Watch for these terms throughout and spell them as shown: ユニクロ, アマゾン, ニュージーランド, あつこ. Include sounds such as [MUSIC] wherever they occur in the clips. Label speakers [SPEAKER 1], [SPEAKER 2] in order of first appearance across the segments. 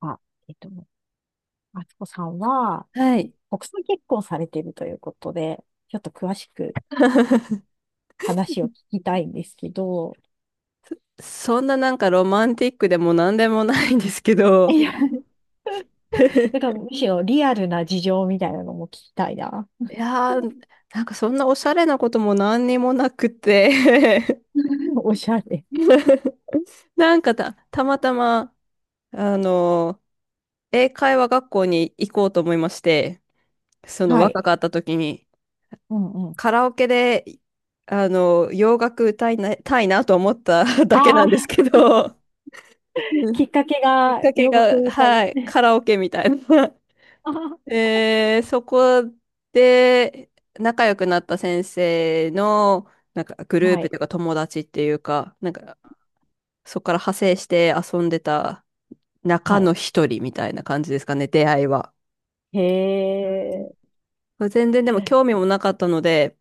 [SPEAKER 1] あ、えっと、あつこさんは、
[SPEAKER 2] はい。
[SPEAKER 1] 国際結婚されているということで、ちょっと詳しく
[SPEAKER 2] [LAUGHS]
[SPEAKER 1] 話を聞きたいんですけど、
[SPEAKER 2] そんななんかロマンティックでも何でもないんですけど、
[SPEAKER 1] いや、[LAUGHS] だか
[SPEAKER 2] [LAUGHS]
[SPEAKER 1] らむしろリアルな事情みたいなのも聞きたいな。
[SPEAKER 2] いやー、なんかそんなおしゃれなことも何にもなくて。
[SPEAKER 1] [LAUGHS] おしゃれ。
[SPEAKER 2] [LAUGHS] なんかたまたま、あの英会話学校に行こうと思いまして、その
[SPEAKER 1] はい。
[SPEAKER 2] 若かった時に、
[SPEAKER 1] うんうん。
[SPEAKER 2] カラオケで、洋楽歌いたいなと思った [LAUGHS] だ
[SPEAKER 1] あ
[SPEAKER 2] けなんです
[SPEAKER 1] あ、
[SPEAKER 2] けど、う
[SPEAKER 1] き
[SPEAKER 2] ん。
[SPEAKER 1] っかけ
[SPEAKER 2] きっ
[SPEAKER 1] が
[SPEAKER 2] かけ
[SPEAKER 1] 洋楽
[SPEAKER 2] が、
[SPEAKER 1] みたい。
[SPEAKER 2] はい、カラオケみたいな。
[SPEAKER 1] [LAUGHS] あー、
[SPEAKER 2] そこで仲良くなった先生のなんかグルー
[SPEAKER 1] は
[SPEAKER 2] プ
[SPEAKER 1] い。
[SPEAKER 2] というか友達っていうか、なんかそこから派生して遊んでた
[SPEAKER 1] は
[SPEAKER 2] 中の
[SPEAKER 1] い。
[SPEAKER 2] 一人みたいな感じですかね、出会いは。
[SPEAKER 1] へ
[SPEAKER 2] う
[SPEAKER 1] え。
[SPEAKER 2] ん。全然でも興味もなかったので、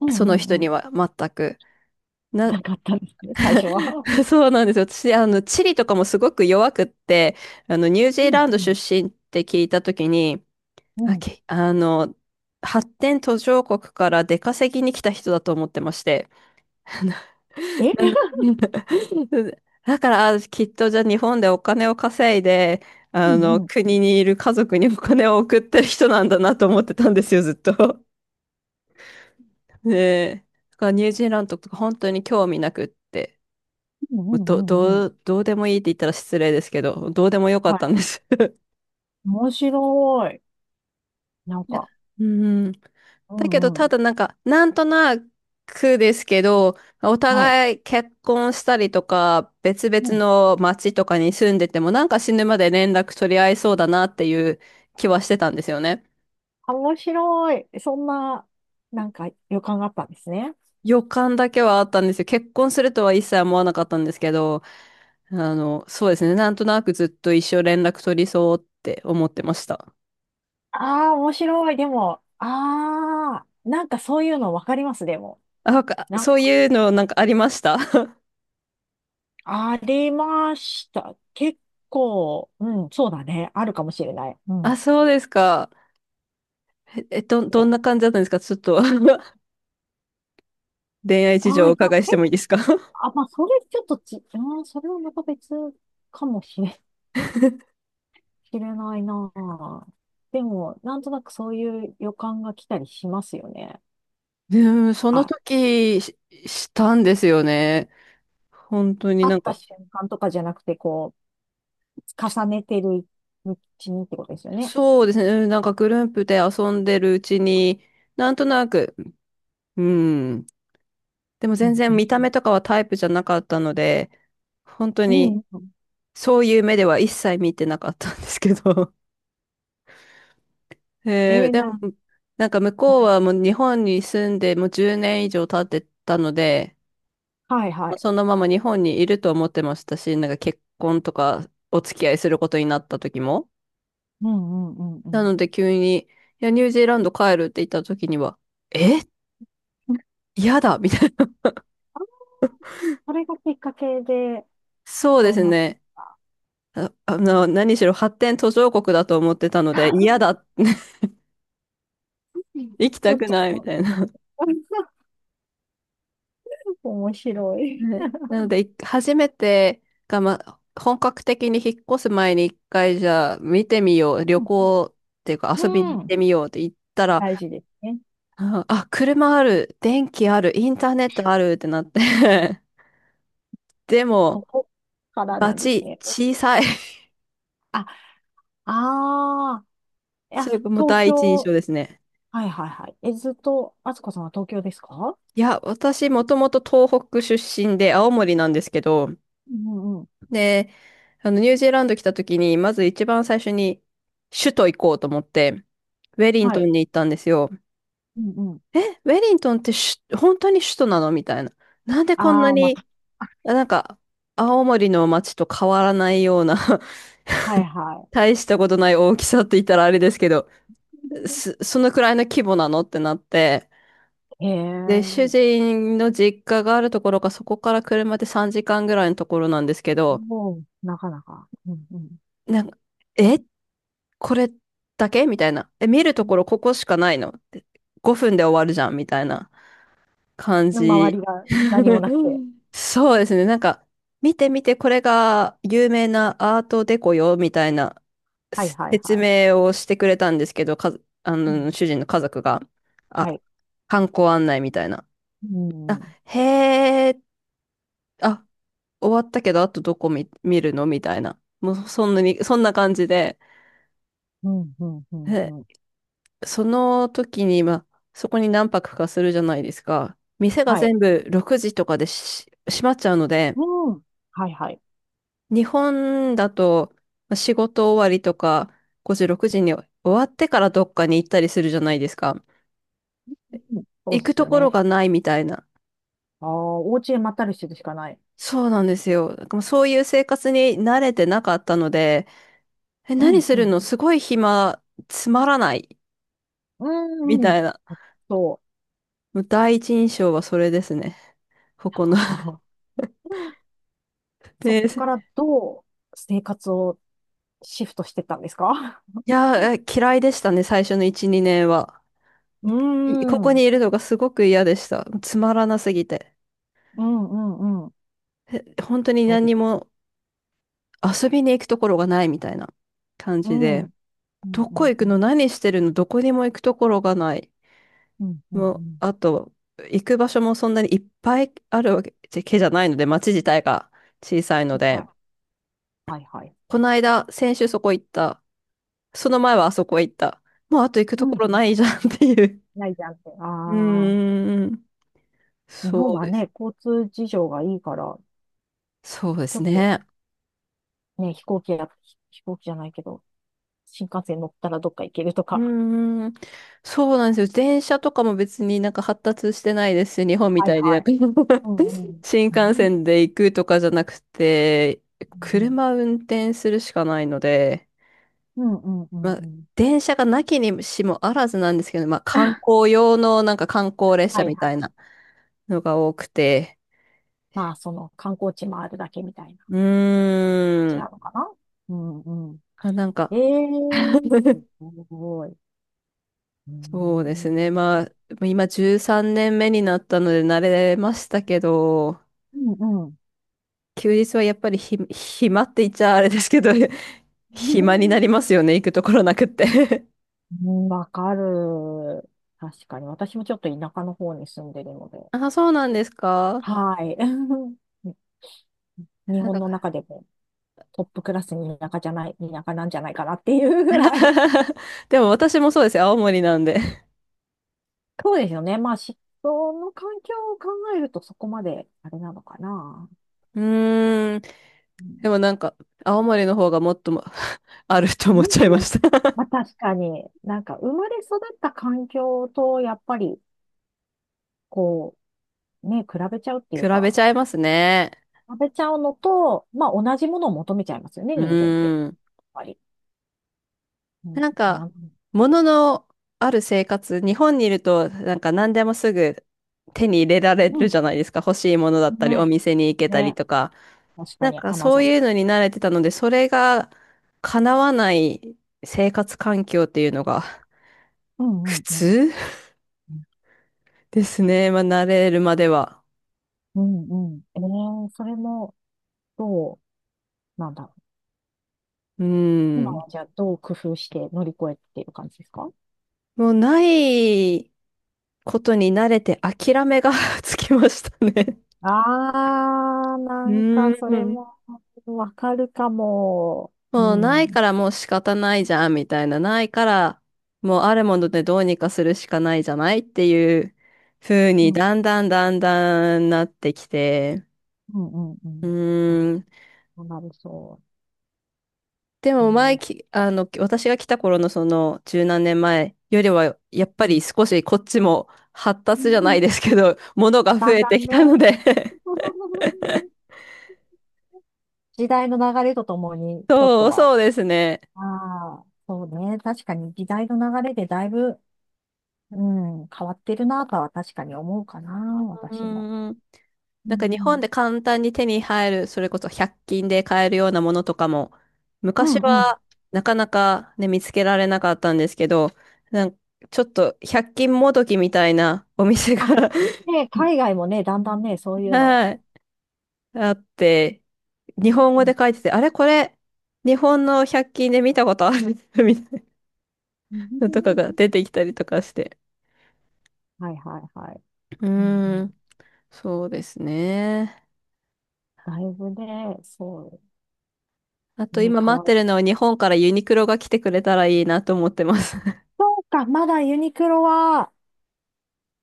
[SPEAKER 1] う
[SPEAKER 2] その
[SPEAKER 1] んう
[SPEAKER 2] 人
[SPEAKER 1] んう
[SPEAKER 2] に
[SPEAKER 1] ん。
[SPEAKER 2] は全く。な、
[SPEAKER 1] なかったんですね、最初は。
[SPEAKER 2] [LAUGHS] そうなんですよ。私、地理とかもすごく弱くって、ニュージ
[SPEAKER 1] う
[SPEAKER 2] ー
[SPEAKER 1] ん
[SPEAKER 2] ランド
[SPEAKER 1] う
[SPEAKER 2] 出
[SPEAKER 1] ん
[SPEAKER 2] 身って聞いたときに、
[SPEAKER 1] う
[SPEAKER 2] あ、
[SPEAKER 1] ん。
[SPEAKER 2] け、あの、発展途上国から出稼ぎに来た人だと思ってまして。[LAUGHS] なな
[SPEAKER 1] え、
[SPEAKER 2] [LAUGHS] だから、きっとじゃあ日本でお金を稼いで、
[SPEAKER 1] うん。
[SPEAKER 2] 国にいる家族にお金を送ってる人なんだなと思ってたんですよ、ずっと。ねえ。だからニュージーランドとか本当に興味なくって、
[SPEAKER 1] [LAUGHS] うんうんうんうん。
[SPEAKER 2] どうでもいいって言ったら失礼ですけど、どうでもよかっ
[SPEAKER 1] は
[SPEAKER 2] た
[SPEAKER 1] い。
[SPEAKER 2] んです。
[SPEAKER 1] 面白い。なん
[SPEAKER 2] いや。
[SPEAKER 1] か、
[SPEAKER 2] うん。
[SPEAKER 1] う
[SPEAKER 2] だけど、
[SPEAKER 1] んう
[SPEAKER 2] た
[SPEAKER 1] ん。
[SPEAKER 2] だなんか、なんとなくですけど、お
[SPEAKER 1] はい。
[SPEAKER 2] 互い結婚したりとか、別
[SPEAKER 1] う
[SPEAKER 2] 々
[SPEAKER 1] ん。
[SPEAKER 2] の町とかに住んでても、なんか死ぬまで連絡取り合いそうだなっていう気はしてたんですよね。
[SPEAKER 1] あ、面白い。そんな、なんか予感があったんですね。
[SPEAKER 2] 予感だけはあったんですよ。結婚するとは一切思わなかったんですけど、そうですね。なんとなくずっと一生連絡取りそうって思ってました。
[SPEAKER 1] ああ、面白い。でも、ああ、なんかそういうのわかります、でも。
[SPEAKER 2] あ、なんか
[SPEAKER 1] なん
[SPEAKER 2] そう
[SPEAKER 1] か、
[SPEAKER 2] いうのなんかありました。 [LAUGHS]
[SPEAKER 1] ありました。結構、うん、そうだね。あるかもしれない。うん。
[SPEAKER 2] あ、
[SPEAKER 1] い
[SPEAKER 2] そうですか。どん
[SPEAKER 1] や、
[SPEAKER 2] な感じだったんですかちょっと。 [LAUGHS] 恋愛事
[SPEAKER 1] あ
[SPEAKER 2] 情
[SPEAKER 1] あ、
[SPEAKER 2] を
[SPEAKER 1] い
[SPEAKER 2] お
[SPEAKER 1] や、は
[SPEAKER 2] 伺いしても
[SPEAKER 1] い。
[SPEAKER 2] いいですか？ [LAUGHS] うん。
[SPEAKER 1] あ、まあ、それちょっとうん、それはまた別かもしれ、しれないな。でも、なんとなくそういう予感が来たりしますよね。
[SPEAKER 2] [LAUGHS] でもその
[SPEAKER 1] あ、
[SPEAKER 2] 時したんですよね。本当に
[SPEAKER 1] 会
[SPEAKER 2] な
[SPEAKER 1] っ
[SPEAKER 2] ん
[SPEAKER 1] た
[SPEAKER 2] か、
[SPEAKER 1] 瞬間とかじゃなくて、こう、重ねてるうちにってことですよね。
[SPEAKER 2] そうですね。うん。なんかグループで遊んでるうちに、なんとなく、うん。でも
[SPEAKER 1] う
[SPEAKER 2] 全
[SPEAKER 1] ん
[SPEAKER 2] 然見た目とかはタイプじゃなかったので、本当
[SPEAKER 1] うんう
[SPEAKER 2] に
[SPEAKER 1] んうん。
[SPEAKER 2] そういう目では一切見てなかったんですけど。[LAUGHS]
[SPEAKER 1] えー、
[SPEAKER 2] で
[SPEAKER 1] な、
[SPEAKER 2] も、なんか向こうはもう日本に住んでもう10年以上経ってたので、
[SPEAKER 1] はいはい。
[SPEAKER 2] そのまま日本にいると思ってましたし、なんか結婚とかお付き合いすることになった時も。
[SPEAKER 1] うんうんうんう
[SPEAKER 2] な
[SPEAKER 1] ん。
[SPEAKER 2] ので急に、いや、ニュージーランド帰るって言った時には、え嫌だみたいな。
[SPEAKER 1] あ、それがきっかけで、
[SPEAKER 2] [LAUGHS] そうで
[SPEAKER 1] そう
[SPEAKER 2] す
[SPEAKER 1] なっ
[SPEAKER 2] ね。
[SPEAKER 1] た。
[SPEAKER 2] 何しろ発展途上国だと思ってたので、嫌だ。[LAUGHS] 行き
[SPEAKER 1] ち
[SPEAKER 2] た
[SPEAKER 1] ょっ
[SPEAKER 2] く
[SPEAKER 1] と
[SPEAKER 2] ないみたいな。
[SPEAKER 1] [LAUGHS] 面白い。
[SPEAKER 2] ね。なので、初めてが、まあ、本格的に引っ越す前に一回じゃあ見てみよう、旅
[SPEAKER 1] うん
[SPEAKER 2] 行っていうか
[SPEAKER 1] う
[SPEAKER 2] 遊びに行って
[SPEAKER 1] ん、
[SPEAKER 2] みようって言ったら、
[SPEAKER 1] 大事ですね。
[SPEAKER 2] うん。あ、車ある、電気ある、インターネットあるってなって。 [LAUGHS] でも、
[SPEAKER 1] そこからなんですね。
[SPEAKER 2] 小さい。 [LAUGHS]
[SPEAKER 1] あ、ああ、いや、
[SPEAKER 2] それがもう
[SPEAKER 1] 東
[SPEAKER 2] 第一印象
[SPEAKER 1] 京、
[SPEAKER 2] ですね。
[SPEAKER 1] はいはいはい。え、ずっと、あつこさんは東京ですか？
[SPEAKER 2] いや、私、もともと東北出身で、青森なんですけど、
[SPEAKER 1] うんうん、
[SPEAKER 2] で、ニュージーランド来た時に、まず一番最初に、首都行こうと思って、ウェリン
[SPEAKER 1] は
[SPEAKER 2] トン
[SPEAKER 1] い。
[SPEAKER 2] に行ったんですよ。
[SPEAKER 1] うん、
[SPEAKER 2] ウェリントンって本当に首都なのみたいな。なんでこんな
[SPEAKER 1] ああ、ま
[SPEAKER 2] に、
[SPEAKER 1] あ、
[SPEAKER 2] なんか、青森の街と変わらないような [LAUGHS]
[SPEAKER 1] はいは
[SPEAKER 2] 大したことない大きさって言ったらあれですけど、
[SPEAKER 1] い。[LAUGHS]
[SPEAKER 2] そのくらいの規模なのってなって、
[SPEAKER 1] へ
[SPEAKER 2] で、主
[SPEAKER 1] え、
[SPEAKER 2] 人の実家があるところがそこから車で3時間ぐらいのところなんですけど、
[SPEAKER 1] もう、なかなか。うんうん。
[SPEAKER 2] なんか、え、これだけみたいな。見るところここしかないのっ？ 5 分で終わるじゃんみたいな。感
[SPEAKER 1] の周
[SPEAKER 2] じ。
[SPEAKER 1] りが何もなくて。
[SPEAKER 2] [LAUGHS] そうですね。なんか、見て見て、これが有名なアートデコよ、みたいな
[SPEAKER 1] はいはい
[SPEAKER 2] 説
[SPEAKER 1] はい。
[SPEAKER 2] 明をしてくれたんですけど、か、あ
[SPEAKER 1] うん、
[SPEAKER 2] の、主人の家族が、あ、
[SPEAKER 1] はい。
[SPEAKER 2] 観光案内みたいな。
[SPEAKER 1] う
[SPEAKER 2] あ、
[SPEAKER 1] ん。
[SPEAKER 2] へえ、あ、終わったけど、あとどこ見るのみたいな。もう、そんな感じで、
[SPEAKER 1] うん、うん、うん、
[SPEAKER 2] で、
[SPEAKER 1] うん。
[SPEAKER 2] その時に、まあ、そこに何泊かするじゃないですか。店が
[SPEAKER 1] はい。
[SPEAKER 2] 全部6時とかでし閉まっちゃうので、
[SPEAKER 1] うん。はいはい。
[SPEAKER 2] 日本だとまあ仕事終わりとか5時、6時に終わってからどっかに行ったりするじゃないですか。
[SPEAKER 1] うん、そう
[SPEAKER 2] 行
[SPEAKER 1] で
[SPEAKER 2] く
[SPEAKER 1] す
[SPEAKER 2] と
[SPEAKER 1] よ
[SPEAKER 2] ころ
[SPEAKER 1] ね。
[SPEAKER 2] がないみたいな。
[SPEAKER 1] ああ、お家へまったりしてるしかない。
[SPEAKER 2] そうなんですよ。なんかもうそういう生活に慣れてなかったので、
[SPEAKER 1] う
[SPEAKER 2] 何
[SPEAKER 1] ん、
[SPEAKER 2] す
[SPEAKER 1] う
[SPEAKER 2] る
[SPEAKER 1] ん。
[SPEAKER 2] のすごい暇、つまらない、
[SPEAKER 1] う
[SPEAKER 2] み
[SPEAKER 1] ん、う
[SPEAKER 2] た
[SPEAKER 1] ん。
[SPEAKER 2] いな。
[SPEAKER 1] そう。
[SPEAKER 2] もう第一印象はそれですね。ここの。
[SPEAKER 1] あー
[SPEAKER 2] [LAUGHS]
[SPEAKER 1] そっ
[SPEAKER 2] で、い
[SPEAKER 1] からどう生活をシフトしてったんですか？ [LAUGHS]
[SPEAKER 2] や、嫌いでしたね、最初の1、2年は。
[SPEAKER 1] う
[SPEAKER 2] こ
[SPEAKER 1] ん、う
[SPEAKER 2] こに
[SPEAKER 1] ん、
[SPEAKER 2] いるのがすごく嫌でした。つまらなすぎて。
[SPEAKER 1] うん、うん。
[SPEAKER 2] 本当に
[SPEAKER 1] そう
[SPEAKER 2] 何
[SPEAKER 1] で
[SPEAKER 2] に
[SPEAKER 1] す、
[SPEAKER 2] も遊びに行くところがないみたいな感
[SPEAKER 1] う
[SPEAKER 2] じ
[SPEAKER 1] ん。う
[SPEAKER 2] で、
[SPEAKER 1] んう
[SPEAKER 2] どこ
[SPEAKER 1] ん
[SPEAKER 2] 行
[SPEAKER 1] う
[SPEAKER 2] くの
[SPEAKER 1] ん。
[SPEAKER 2] 何してるの、どこにも行くところがない。
[SPEAKER 1] うんうん
[SPEAKER 2] も
[SPEAKER 1] う
[SPEAKER 2] う、
[SPEAKER 1] ん。
[SPEAKER 2] あと、行く場所もそんなにいっぱいあるわけじゃないので、街自体が小さいの
[SPEAKER 1] 痛
[SPEAKER 2] で、
[SPEAKER 1] い、はいはい。
[SPEAKER 2] この間、先週そこ行った。その前はあそこ行った。もうあと行くと
[SPEAKER 1] う
[SPEAKER 2] こ
[SPEAKER 1] ん。
[SPEAKER 2] ろないじゃんっていう。
[SPEAKER 1] ないじゃんって。
[SPEAKER 2] う
[SPEAKER 1] ああ。
[SPEAKER 2] ーん。
[SPEAKER 1] 日本
[SPEAKER 2] そう
[SPEAKER 1] は
[SPEAKER 2] です。
[SPEAKER 1] ね、交通事情がいいから、
[SPEAKER 2] そうで
[SPEAKER 1] ちょ
[SPEAKER 2] す
[SPEAKER 1] っと
[SPEAKER 2] ね。
[SPEAKER 1] ね、飛行機や、飛行機じゃないけど、新幹線乗ったらどっか行けると
[SPEAKER 2] う
[SPEAKER 1] か。
[SPEAKER 2] ーん。そうなんですよ。電車とかも別になんか発達してないですし、日本み
[SPEAKER 1] はい
[SPEAKER 2] たいで。な
[SPEAKER 1] は
[SPEAKER 2] ん
[SPEAKER 1] い。
[SPEAKER 2] か。 [LAUGHS]
[SPEAKER 1] うんうん。
[SPEAKER 2] 新幹
[SPEAKER 1] う
[SPEAKER 2] 線で行くとかじゃなくて、
[SPEAKER 1] ん
[SPEAKER 2] 車運転するしかないので、
[SPEAKER 1] うんうんうんう
[SPEAKER 2] ま
[SPEAKER 1] ん
[SPEAKER 2] あ、
[SPEAKER 1] うん。
[SPEAKER 2] 電車がなきにしもあらずなんですけど、まあ、観
[SPEAKER 1] [LAUGHS]
[SPEAKER 2] 光用のなんか観光列
[SPEAKER 1] は
[SPEAKER 2] 車
[SPEAKER 1] い
[SPEAKER 2] み
[SPEAKER 1] は
[SPEAKER 2] たいな
[SPEAKER 1] い。
[SPEAKER 2] のが多くて、
[SPEAKER 1] まあ、その観光地回るだけみたいな
[SPEAKER 2] う
[SPEAKER 1] 感じ
[SPEAKER 2] ー
[SPEAKER 1] な
[SPEAKER 2] ん、
[SPEAKER 1] のかな。うんうん。
[SPEAKER 2] あ、なん
[SPEAKER 1] え
[SPEAKER 2] か。
[SPEAKER 1] えー、す
[SPEAKER 2] [LAUGHS]
[SPEAKER 1] ごい。う
[SPEAKER 2] そうで
[SPEAKER 1] んう
[SPEAKER 2] す
[SPEAKER 1] ん。
[SPEAKER 2] ね、まあ、今13年目になったので慣れましたけど、
[SPEAKER 1] うんうん。
[SPEAKER 2] 休日はやっぱり暇って言っちゃあれですけど、[LAUGHS] 暇になり
[SPEAKER 1] [LAUGHS]
[SPEAKER 2] ますよね、行くところなくって。
[SPEAKER 1] うん、わかる。確かに。私もちょっと田舎の方に住んでるので。
[SPEAKER 2] [LAUGHS] あ、そうなんですか？
[SPEAKER 1] はい。[LAUGHS] に日本の中でもトップクラスに田舎じゃない、田舎なんじゃないかなっていうぐらい。
[SPEAKER 2] [LAUGHS] でも私もそうですよ。青森なんで。
[SPEAKER 1] [LAUGHS] そうですよね。まあ、その環境を考えるとそこまであれなのかな。
[SPEAKER 2] うーん。
[SPEAKER 1] うん、
[SPEAKER 2] でもなんか、青森の方がもっとも [LAUGHS] あると
[SPEAKER 1] な
[SPEAKER 2] 思っ
[SPEAKER 1] る
[SPEAKER 2] ちゃい
[SPEAKER 1] ほ
[SPEAKER 2] ま
[SPEAKER 1] ど。
[SPEAKER 2] した。
[SPEAKER 1] まあ、確かに、なんか生まれ育った環境とやっぱり、こう、ね、比べちゃうっ
[SPEAKER 2] [LAUGHS]
[SPEAKER 1] ていう
[SPEAKER 2] 比べ
[SPEAKER 1] か、
[SPEAKER 2] ちゃいますね。
[SPEAKER 1] 比べちゃうのと、まあ同じものを求めちゃいますよね、
[SPEAKER 2] う
[SPEAKER 1] 人間って。やっ
[SPEAKER 2] ーん。
[SPEAKER 1] ぱり、うん、
[SPEAKER 2] なんか、もののある生活、日本にいると、なんか何でもすぐ手に入れられ
[SPEAKER 1] う
[SPEAKER 2] る
[SPEAKER 1] ん、
[SPEAKER 2] じゃないですか。欲しいものだったり、お
[SPEAKER 1] ね、
[SPEAKER 2] 店に行けたり
[SPEAKER 1] ね、
[SPEAKER 2] とか。
[SPEAKER 1] 確か
[SPEAKER 2] なん
[SPEAKER 1] に、
[SPEAKER 2] か
[SPEAKER 1] アマ
[SPEAKER 2] そう
[SPEAKER 1] ゾン。
[SPEAKER 2] いうのに慣れてたので、それが叶わない生活環境っていうのが
[SPEAKER 1] うん、
[SPEAKER 2] 普
[SPEAKER 1] うん、うん。
[SPEAKER 2] 通ですね。まあ、慣れるまでは。
[SPEAKER 1] うん、うん。それも、どう、なんだろう。
[SPEAKER 2] う
[SPEAKER 1] 今
[SPEAKER 2] ん。
[SPEAKER 1] はじゃあ、どう工夫して乗り越えている感じですか？
[SPEAKER 2] もうないことに慣れて諦めが [LAUGHS] つきましたね。
[SPEAKER 1] な
[SPEAKER 2] う
[SPEAKER 1] んかそれ
[SPEAKER 2] ん。
[SPEAKER 1] もわかるかも。う
[SPEAKER 2] もうな
[SPEAKER 1] ん、
[SPEAKER 2] い
[SPEAKER 1] うん、
[SPEAKER 2] からもう仕方ないじゃん、みたいな。ないから、もうあるものでどうにかするしかないじゃないっていう風
[SPEAKER 1] う
[SPEAKER 2] に、
[SPEAKER 1] ん、
[SPEAKER 2] だんだんだんだんなってきて。
[SPEAKER 1] うん、う
[SPEAKER 2] う
[SPEAKER 1] ん。あ、
[SPEAKER 2] ん。
[SPEAKER 1] そうなる、そ
[SPEAKER 2] でも前
[SPEAKER 1] う。
[SPEAKER 2] き、あの、私が来た頃のその十何年前よりは、
[SPEAKER 1] う
[SPEAKER 2] やっぱり
[SPEAKER 1] ん、
[SPEAKER 2] 少しこっちも発達じゃないですけど、ものが増
[SPEAKER 1] だん
[SPEAKER 2] え
[SPEAKER 1] だ
[SPEAKER 2] て
[SPEAKER 1] ん
[SPEAKER 2] きたの
[SPEAKER 1] ね、
[SPEAKER 2] で
[SPEAKER 1] [LAUGHS] 時代の流れとともに、
[SPEAKER 2] [LAUGHS]
[SPEAKER 1] ちょっと
[SPEAKER 2] そ
[SPEAKER 1] は、
[SPEAKER 2] うですね。
[SPEAKER 1] ああ、そうね。確かに時代の流れでだいぶ、うん、変わってるなとは確かに思うかな、
[SPEAKER 2] う
[SPEAKER 1] 私も。
[SPEAKER 2] んん。
[SPEAKER 1] う
[SPEAKER 2] なん
[SPEAKER 1] ん
[SPEAKER 2] か
[SPEAKER 1] う
[SPEAKER 2] 日本
[SPEAKER 1] ん。
[SPEAKER 2] で簡単に手に入る、それこそ百均で買えるようなものとかも、
[SPEAKER 1] う
[SPEAKER 2] 昔
[SPEAKER 1] んうん。
[SPEAKER 2] はなかなかね、見つけられなかったんですけど、なんかちょっと百均もどきみたいなお店
[SPEAKER 1] あ、
[SPEAKER 2] が
[SPEAKER 1] ね、海外もね、だんだんね、そう
[SPEAKER 2] [LAUGHS]
[SPEAKER 1] いうの。
[SPEAKER 2] はい、あって、日本
[SPEAKER 1] う
[SPEAKER 2] 語
[SPEAKER 1] ん、
[SPEAKER 2] で書いてて、あれこれ、日本の百均で見たことある [LAUGHS] みたいなとかが
[SPEAKER 1] [LAUGHS]
[SPEAKER 2] 出てきたりとかして。
[SPEAKER 1] はいはいはい。
[SPEAKER 2] う
[SPEAKER 1] うんう
[SPEAKER 2] ー
[SPEAKER 1] ん。
[SPEAKER 2] ん、そうですね。
[SPEAKER 1] だいぶね、そ
[SPEAKER 2] あ
[SPEAKER 1] う
[SPEAKER 2] と
[SPEAKER 1] ね、
[SPEAKER 2] 今
[SPEAKER 1] 変
[SPEAKER 2] 待っ
[SPEAKER 1] わ
[SPEAKER 2] て
[SPEAKER 1] る。
[SPEAKER 2] るのは日本からユニクロが来てくれたらいいなと思ってます。[LAUGHS]
[SPEAKER 1] そうか、まだユニクロは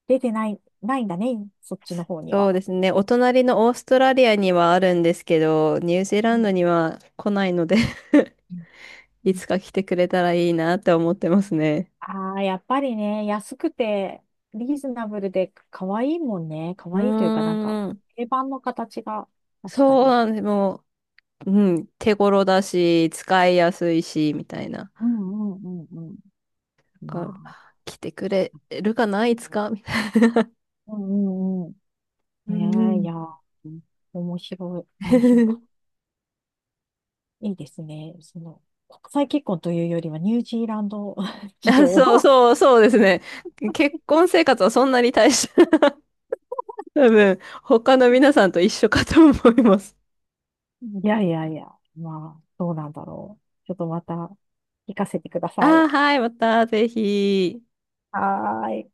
[SPEAKER 1] 出てない、ないんだね、そっちの方に
[SPEAKER 2] そ
[SPEAKER 1] は。
[SPEAKER 2] うですね。お隣のオーストラリアにはあるんですけど、ニュージー
[SPEAKER 1] う
[SPEAKER 2] ラン
[SPEAKER 1] ん
[SPEAKER 2] ドには来ないので
[SPEAKER 1] うん、
[SPEAKER 2] [LAUGHS] いつか来てくれたらいいなって思ってますね。
[SPEAKER 1] ああ、やっぱりね、安くて、リーズナブルで、可愛いもんね。可
[SPEAKER 2] う
[SPEAKER 1] 愛いというか、なんか、
[SPEAKER 2] ーん。
[SPEAKER 1] 定番の形が、確か
[SPEAKER 2] そう
[SPEAKER 1] に。
[SPEAKER 2] なんです。もう、うん、手頃だし、使いやすいし、みたいな。
[SPEAKER 1] うんうんうんうん。
[SPEAKER 2] だから
[SPEAKER 1] ま
[SPEAKER 2] 来てくれるかないつかみたい
[SPEAKER 1] あ、うんうんうん。
[SPEAKER 2] な、
[SPEAKER 1] ね
[SPEAKER 2] うん
[SPEAKER 1] え、い
[SPEAKER 2] う
[SPEAKER 1] や、面白い、
[SPEAKER 2] ん。
[SPEAKER 1] 面白かっ
[SPEAKER 2] [LAUGHS]。
[SPEAKER 1] た。いいですね。その、国際結婚というよりは、ニュージーランド [LAUGHS] 事
[SPEAKER 2] な。あ、
[SPEAKER 1] 情を。
[SPEAKER 2] そう、そう、そうですね。結婚生活はそんなに大した、[LAUGHS] 多分、他の皆さんと一緒かと思います。
[SPEAKER 1] いやいやいや、まあ、どうなんだろう。ちょっとまた、聞かせてくださ
[SPEAKER 2] あー、
[SPEAKER 1] い。
[SPEAKER 2] はい、またぜひ。
[SPEAKER 1] はーい。